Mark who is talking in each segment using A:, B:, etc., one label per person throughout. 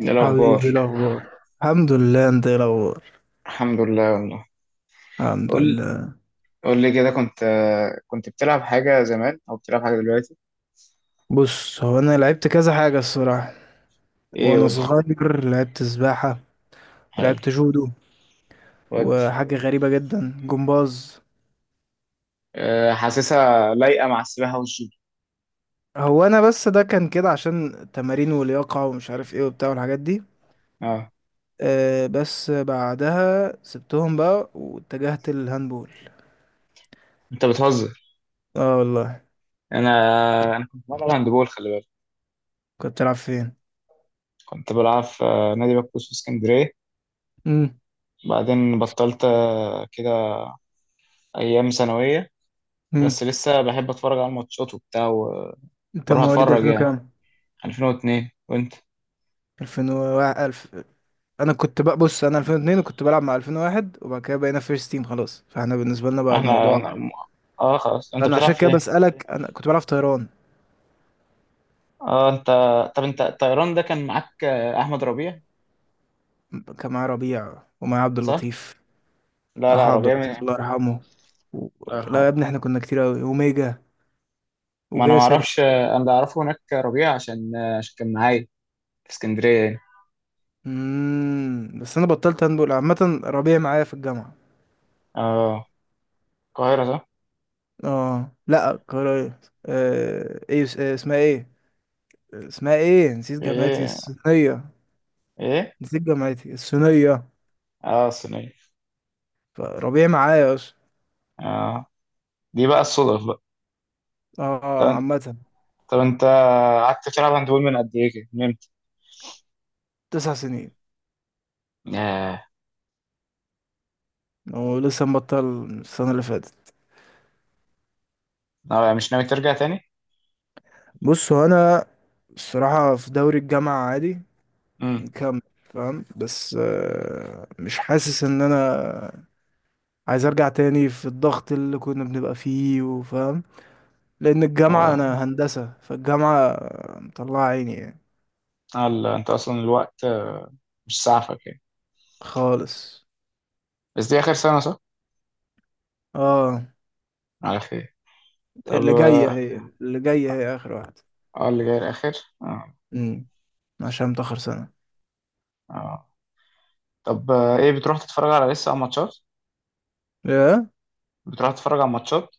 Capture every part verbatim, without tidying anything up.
A: إيه
B: حبيبي،
A: الأخبار؟
B: إيه الاخبار؟ الحمد لله، انت ايه الاخبار؟
A: الحمد لله والله.
B: الحمد
A: قول،
B: لله.
A: قول لي كده. كنت، كنت بتلعب حاجة زمان أو بتلعب حاجة دلوقتي؟
B: بص، هو انا لعبت كذا حاجه الصراحه.
A: إيه
B: وانا
A: قول لي.
B: صغير لعبت سباحه،
A: حلو.
B: ولعبت جودو،
A: ودي.
B: وحاجه غريبه جدا جمباز.
A: أه حاسسها لايقة مع السباحة والجيم.
B: هو انا بس ده كان كده عشان تمارين ولياقه ومش عارف ايه وبتاع والحاجات دي.
A: أه.
B: أه بس بعدها سبتهم بقى واتجهت للهاندبول.
A: أنت بتهزر.
B: اه والله.
A: أنا أنا كنت بلعب هاندبول، خلي بالك.
B: كنت بتلعب فين؟
A: كنت بلعب في آه، نادي بكوس في اسكندرية.
B: امم
A: بعدين بطلت آه، كده، أيام ثانوية.
B: امم
A: بس لسه بحب أتفرج على الماتشات وبتاع
B: انت
A: وبروح
B: مواليد
A: أتفرج
B: ألفين
A: يعني.
B: كام؟
A: ألفين واتنين، وأنت؟
B: ألفين و ألف. انا كنت بقى، بص انا ألفين واثنين وكنت بلعب مع ألفين وواحد، وبعد كده بقينا فيرست تيم خلاص، فاحنا بالنسبه لنا بقى
A: إحنا
B: الموضوع.
A: أنا- أه خلاص، أنت
B: انا
A: بتلعب
B: عشان
A: في
B: كده
A: إيه؟
B: بسالك، انا كنت بلعب في طيران.
A: اه انت، طب انت الطيران ده كان معاك آه، احمد ربيع.
B: كان معايا ربيع ومعايا عبد
A: صح.
B: اللطيف،
A: لا
B: اخو
A: لا،
B: عبد
A: ربيع
B: اللطيف
A: من.
B: الله يرحمه. و...
A: الله
B: لا يا
A: يرحمه.
B: ابني احنا كنا كتير قوي، وميجا
A: ما انا ما
B: وجاسر.
A: اعرفش، آه، انا اللي اعرفه هناك ربيع عشان آه، عشان كان معايا في اسكندريه يعني.
B: امم بس انا بطلت هاندبول عامه، ربيع معايا في الجامعه.
A: اه القاهره صح.
B: اه لا، قرايه. آه... ايه اس- آه، اسمها ايه؟ اسمها ايه، نسيت جامعتي
A: ايه،
B: الصينيه.
A: ايه.
B: نسيت جامعتي الصينيه.
A: اه صينيه.
B: فربيع معايا اصلا.
A: اه، دي بقى الصدف بقى.
B: اه اه
A: طب،
B: عامة.
A: طب انت قعدت تلعب هاندبول من قد ايه كده، من امتى؟
B: تسع سنين.
A: آه.
B: ولسه مبطل السنة اللي فاتت.
A: آه، مش ناوي ترجع تاني؟
B: بص هو أنا الصراحة في دوري الجامعة عادي،
A: امم.
B: مكمل فاهم، بس آه، مش حاسس إن أنا عايز أرجع تاني في الضغط اللي كنا بنبقى فيه، وفاهم لأن
A: و...
B: الجامعة، أنا هندسة فالجامعة مطلعة عيني يعني
A: آه لا، انت اصلا الوقت آه، مش سعفك يعني.
B: خالص.
A: بس دي اخر سنه صح؟
B: اه،
A: على خير. طب
B: اللي جاية
A: آه،
B: هي اللي جاية هي آخر واحدة.
A: اه، اللي جاي الاخر. اه.
B: امم عشان متأخر
A: اه. طب آه، ايه، بتروح تتفرج على، لسه على ماتشات؟
B: سنة.
A: بتروح تتفرج على ماتشات.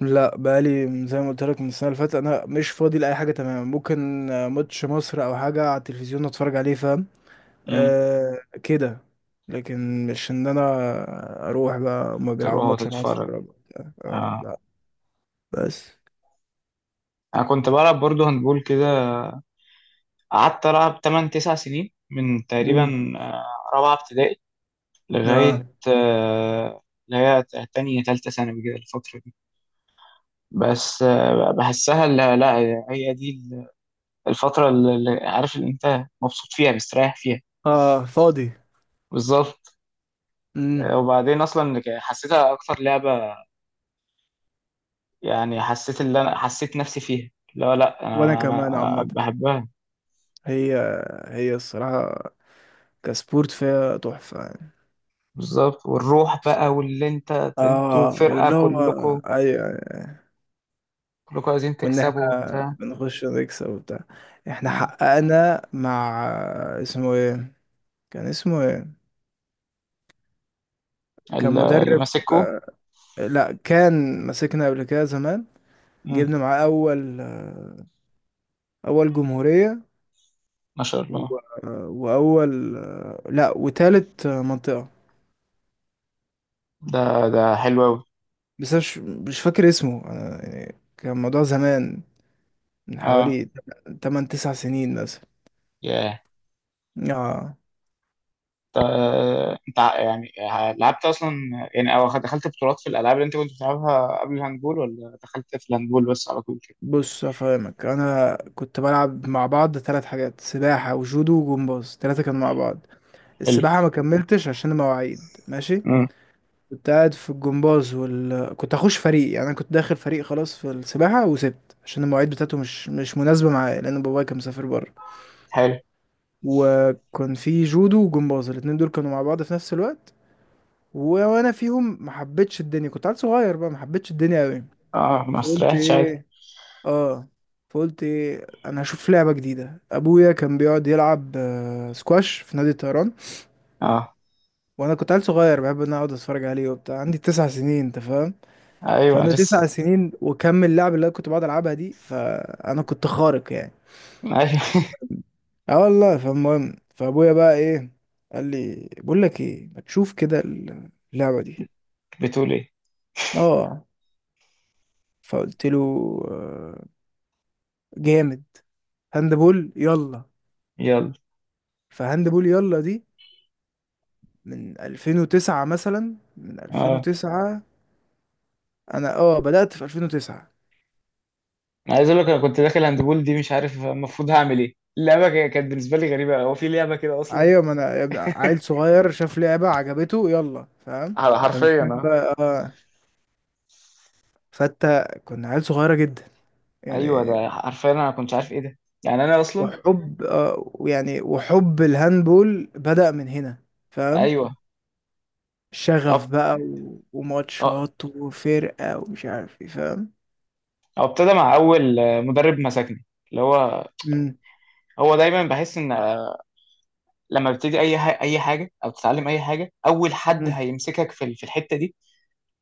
B: لا، بقالي زي ما قلت لك من السنه اللي فاتت انا مش فاضي لاي حاجه، تمام؟ ممكن آه، ماتش مصر او حاجه على التلفزيون اتفرج عليه، فاهم.
A: امم.
B: أه كده. لكن مش ان انا اروح بقى هما بيلعبوا
A: تروح
B: ماتش اروح
A: تتفرج.
B: اتفرج وبتاع. أه
A: اه.
B: لا. بس.
A: انا كنت بلعب برضه هندبول كده، قعدت العب تمن تسعة سنين من
B: مم.
A: تقريبا آه، رابعه ابتدائي لغايه
B: اه
A: آه، اللي هي تانية تالتة ثانوي، كده الفترة دي. بس آه، بحسها، لا لا هي دي الفترة اللي اللي عارف، اللي انت مبسوط فيها مستريح فيها.
B: اه فاضي.
A: بالظبط.
B: مم.
A: آه، وبعدين اصلا حسيتها اكتر لعبة، يعني حسيت اللي انا حسيت نفسي فيها. لا لا
B: وانا
A: انا
B: كمان
A: أنا
B: عامه.
A: بحبها.
B: هي هي الصراحه كسبورت فيها تحفه يعني.
A: بالظبط، والروح بقى واللي انت. انتوا
B: اه
A: فرقة
B: واللي هو
A: كلكم،
B: ايوه،
A: كلكم عايزين
B: وان
A: تكسبوا
B: احنا
A: وبتاع.
B: بنخش نكسب وبتاع. احنا
A: آه.
B: حققنا مع... اسمه ايه، كان اسمه ايه؟ كان
A: ال- اللي
B: مدرب.
A: ماسكه.
B: لا كان... مسكنا قبل كده زمان.
A: مم.
B: جبنا معاه اول اول جمهورية،
A: ما شاء
B: و...
A: الله.
B: واول... لا، وتالت منطقة.
A: ده، ده حلو قوي.
B: بس مش مش فاكر اسمه أنا يعني، كان الموضوع زمان، من
A: اه.
B: حوالي ثمان تسع سنين مثلا.
A: ياه.
B: اه.
A: طب، آه، انت ع- يعني لعبت اصلا، يعني او خد- دخلت بطولات في الالعاب اللي انت كنت بتلعبها قبل الهاندبول، ولا دخلت في الهاندبول بس على طول كده؟
B: بص افهمك، انا كنت بلعب مع بعض ثلاث حاجات: سباحه وجودو وجمباز، ثلاثه كانوا مع بعض.
A: حلو.
B: السباحه ما كملتش عشان المواعيد، ماشي.
A: مم.
B: كنت قاعد في الجمباز وال... كنت هخش فريق، يعني انا كنت داخل فريق خلاص في السباحه، وسبت عشان المواعيد بتاعته مش مش مناسبه معايا، لان بابايا كان مسافر بره.
A: حلو.
B: وكان في جودو وجمباز، الاتنين دول كانوا مع بعض في نفس الوقت. و- وانا فيهم ما حبيتش الدنيا، كنت عيل صغير بقى ما حبيتش الدنيا قوي.
A: اه، ما
B: فقلت
A: استريحتش عادي.
B: ايه اه فقلت ايه، انا هشوف لعبه جديده. ابويا كان بيقعد يلعب آه، سكواش في نادي الطيران،
A: اه.
B: وانا كنت عيل صغير بحب ان أنا اقعد اتفرج عليه وبتاع، عندي تسع سنين انت فاهم.
A: ايوه
B: فانا
A: لسه.
B: تسع سنين وكم اللعب اللي انا كنت بقعد العبها دي، فانا كنت خارق يعني.
A: ايوه.
B: اه والله. فالمهم، فابويا بقى ايه، قال لي بقول لك ايه، ما تشوف كده اللعبه دي؟
A: بتقول ايه؟
B: اه. فقلت له آه، جامد، هاندبول يلا.
A: يلا.
B: فهاندبول يلا دي من ألفين وتسعة مثلا، من
A: اه،
B: ألفين وتسعة. انا اه بدأت في ألفين وتسعة.
A: انا عايز اقول لك، انا كنت داخل هاندبول دي مش عارف المفروض هعمل ايه، اللعبه ك- كانت بالنسبه لي غريبه، هو في لعبه كده اصلا؟
B: ايوه، ما انا يا ابني عيل صغير شاف لعبة عجبته يلا، فاهم؟
A: ح-
B: انت مش
A: حرفيا
B: فاهم
A: اه.
B: بقى، اه. فانت كنا عيل صغيرة جدا
A: ايوه
B: يعني.
A: ده حرفيا، انا ما كنتش عارف ايه ده، يعني انا اصلا.
B: وحب اه ويعني وحب الهاندبول بدأ من هنا، فاهم.
A: ايوه. أب...
B: شغف بقى و...
A: أ-
B: وماتشات وفرقة ومش عارف ايه، فاهم.
A: هو ابتدى مع اول آه، مدرب مسكني، اللي هو،
B: مم.
A: هو دايما بحس ان آه، لما بتبتدي اي ح... اي حاجه او تتعلم اي حاجه، اول حد
B: مم.
A: هيمسكك في ال- في الحته دي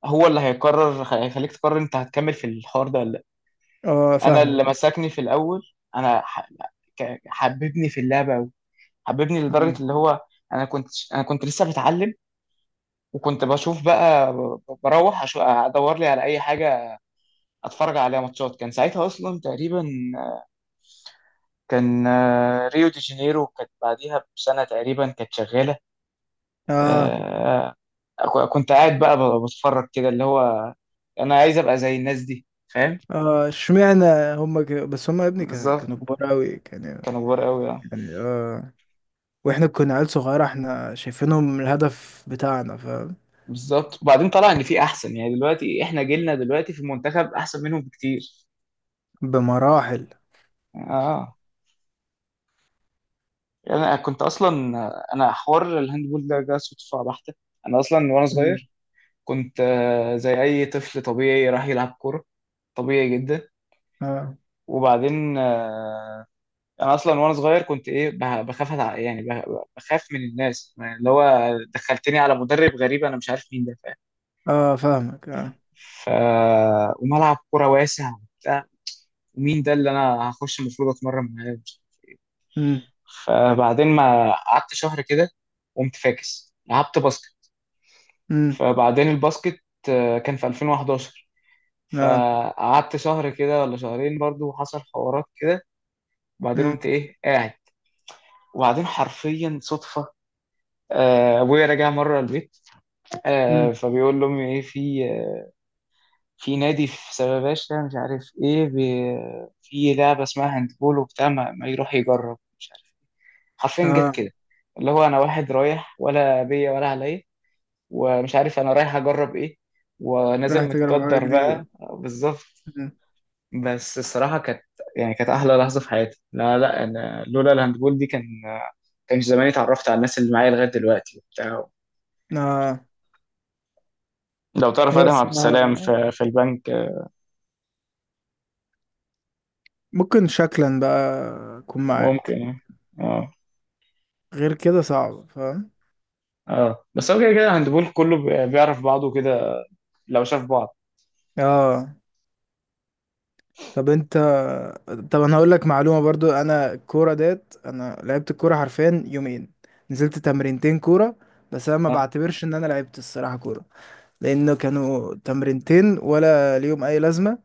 A: هو اللي هيقرر، هيخليك تقرر انت هتكمل في الحوار ده ولا.
B: اه
A: انا اللي
B: فاهمك.
A: مسكني في الاول انا ح- ك- حببني في اللعبه قوي، حببني لدرجه
B: مم.
A: اللي هو، انا كنت انا كنت لسه بتعلم، وكنت بشوف بقى ب- بروح أشو- ادور لي على اي حاجه اتفرج عليها، ماتشات كان ساعتها اصلا تقريبا، كان آه، ريو دي جانيرو كانت بعديها بسنه تقريبا كانت شغاله.
B: اه
A: آه، ك- كنت قاعد بقى ب- بتفرج كده اللي هو انا عايز ابقى زي الناس دي، فاهم؟
B: اه اشمعنى؟ هم ك... بس هم يا ابني، ك...
A: بالظبط.
B: كانوا كبار قوي كان يعني.
A: كانوا كبار قوي.
B: اه. واحنا كنا عيال صغيرة، احنا شايفينهم الهدف بتاعنا، فاهم.
A: بالظبط، وبعدين طلع ان في احسن، يعني دلوقتي احنا جيلنا دلوقتي في المنتخب احسن منهم بكتير.
B: بمراحل.
A: اه، يعني انا كنت اصلا، انا حوار الهاندبول ده جه صدفه بحته. انا اصلا وانا
B: مم.
A: صغير كنت آه، زي اي طفل طبيعي راح يلعب كوره، طبيعي جدا.
B: اه
A: وبعدين آه، انا اصلا وانا صغير كنت ايه، بخ- بخاف أتع- يعني بخ- بخاف من الناس يعني، اللي هو دخلتني على مدرب غريب انا مش عارف مين ده، فاهم؟
B: اه فاهمك اه.
A: ف وملعب كوره واسع، ومين ده اللي انا هخش المفروض اتمرن معاه.
B: امم
A: فبعدين ما قعدت شهر كده، قمت فاكس لعبت باسكت.
B: امم
A: فبعدين الباسكت آه، كان في ألفين وحداشر،
B: اه.
A: فقعدت شهر كده ولا شهرين برضو، وحصل حوارات كده. وبعدين
B: امم
A: قمت ايه قاعد. وبعدين حرفيا صدفة، آه، ابويا راجع مره البيت،
B: امم
A: آه، فبيقول لامي ايه، في آه، في نادي في سباباشا مش عارف ايه بي- في لعبه اسمها هاندبول وبتاع، ما ما يروح يجرب مش عارف. حرفيا جت
B: اه.
A: كده، اللي هو انا واحد رايح ولا بيا ولا عليا، ومش عارف انا رايح اجرب ايه،
B: رايح
A: ونازل
B: تجرب حاجة
A: متقدر بقى
B: جديدة.
A: بالظبط.
B: مم.
A: بس الصراحه كانت، يعني كانت احلى لحظه في حياتي. لا لا انا لولا الهاندبول دي كان، كانش زماني اتعرفت على الناس اللي معايا لغايه دلوقتي وبتاع.
B: اه،
A: لو تعرف
B: هي
A: ادهم عبد السلام
B: الصراحة
A: في، في البنك.
B: ممكن شكلا بقى اكون
A: ممكن
B: معاك،
A: يعني. اه.
B: غير كده صعب، فاهم.
A: اه. بس هو كده كده الهاندبول كله بي- بيعرف بعضه كده لو شاف بعض.
B: اه. طب انت طب انا هقول لك معلومه برضو، انا الكوره ديت انا لعبت الكوره حرفيا يومين، نزلت تمرينتين كوره. بس انا ما
A: اه.
B: بعتبرش ان انا لعبت الصراحه كوره، لانه كانوا تمرينتين ولا ليهم اي لازمه،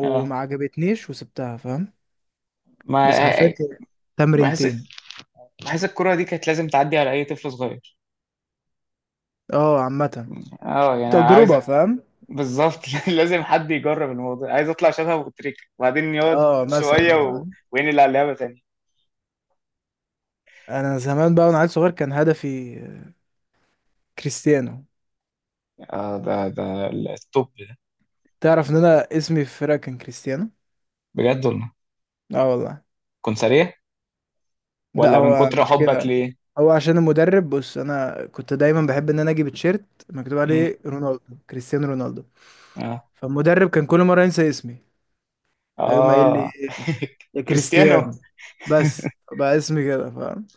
A: اه.
B: عجبتنيش وسبتها، فاهم.
A: ما
B: بس حرفيا كان
A: بحس
B: تمرينتين.
A: بحس الكرة دي كانت لازم تعدي على اي طفل صغير.
B: اه عامه
A: اه، يعني عايز،
B: تجربه فاهم.
A: بالظبط. لازم حد يجرب الموضوع، عايز اطلع شبه ابو تريكة وبعدين يقعد
B: اه
A: شويه
B: مثلا
A: و...
B: فاهم.
A: وينقل على اللعبه تاني.
B: انا زمان بقى وانا عيل صغير كان هدفي كريستيانو.
A: اه، ده ده التوب ده.
B: تعرف ان انا اسمي في الفرقه كان كريستيانو؟
A: بجد والله؟
B: اه والله.
A: كنت سريع
B: لا،
A: ولا من
B: هو
A: كتر
B: مش
A: حبك
B: كده،
A: ليه؟
B: هو عشان المدرب. بص انا كنت دايما بحب ان انا اجيب تيشيرت مكتوب
A: مم.
B: عليه رونالدو، كريستيانو رونالدو.
A: اه.
B: فالمدرب كان كل مره ينسى اسمي، فيقوم قايل لي
A: اه.
B: يا
A: كريستيانو.
B: كريستيانو. بس بقى اسمي كده فاهم.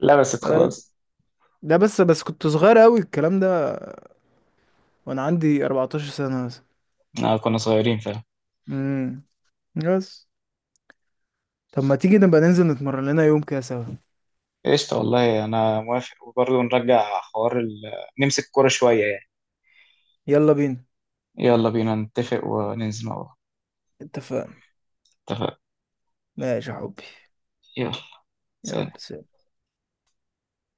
A: لبست خلاص.
B: ده بس، بس كنت صغير قوي الكلام ده، وانا عندي أربعة عشر سنه مثلا.
A: آه كنا صغيرين فعلا.
B: امم بس. طب ما تيجي نبقى ننزل نتمرن لنا يوم كده سوا؟
A: قشطة والله، أنا موافق. وبرضه نرجع حوار ال... نمسك كورة شوية يعني.
B: يلا بينا.
A: يلا بينا نتفق وننزل مع بعض.
B: اتفقنا.
A: اتفق.
B: ماشي يا حبي.
A: يلا،
B: يلا
A: سلام.
B: سلام.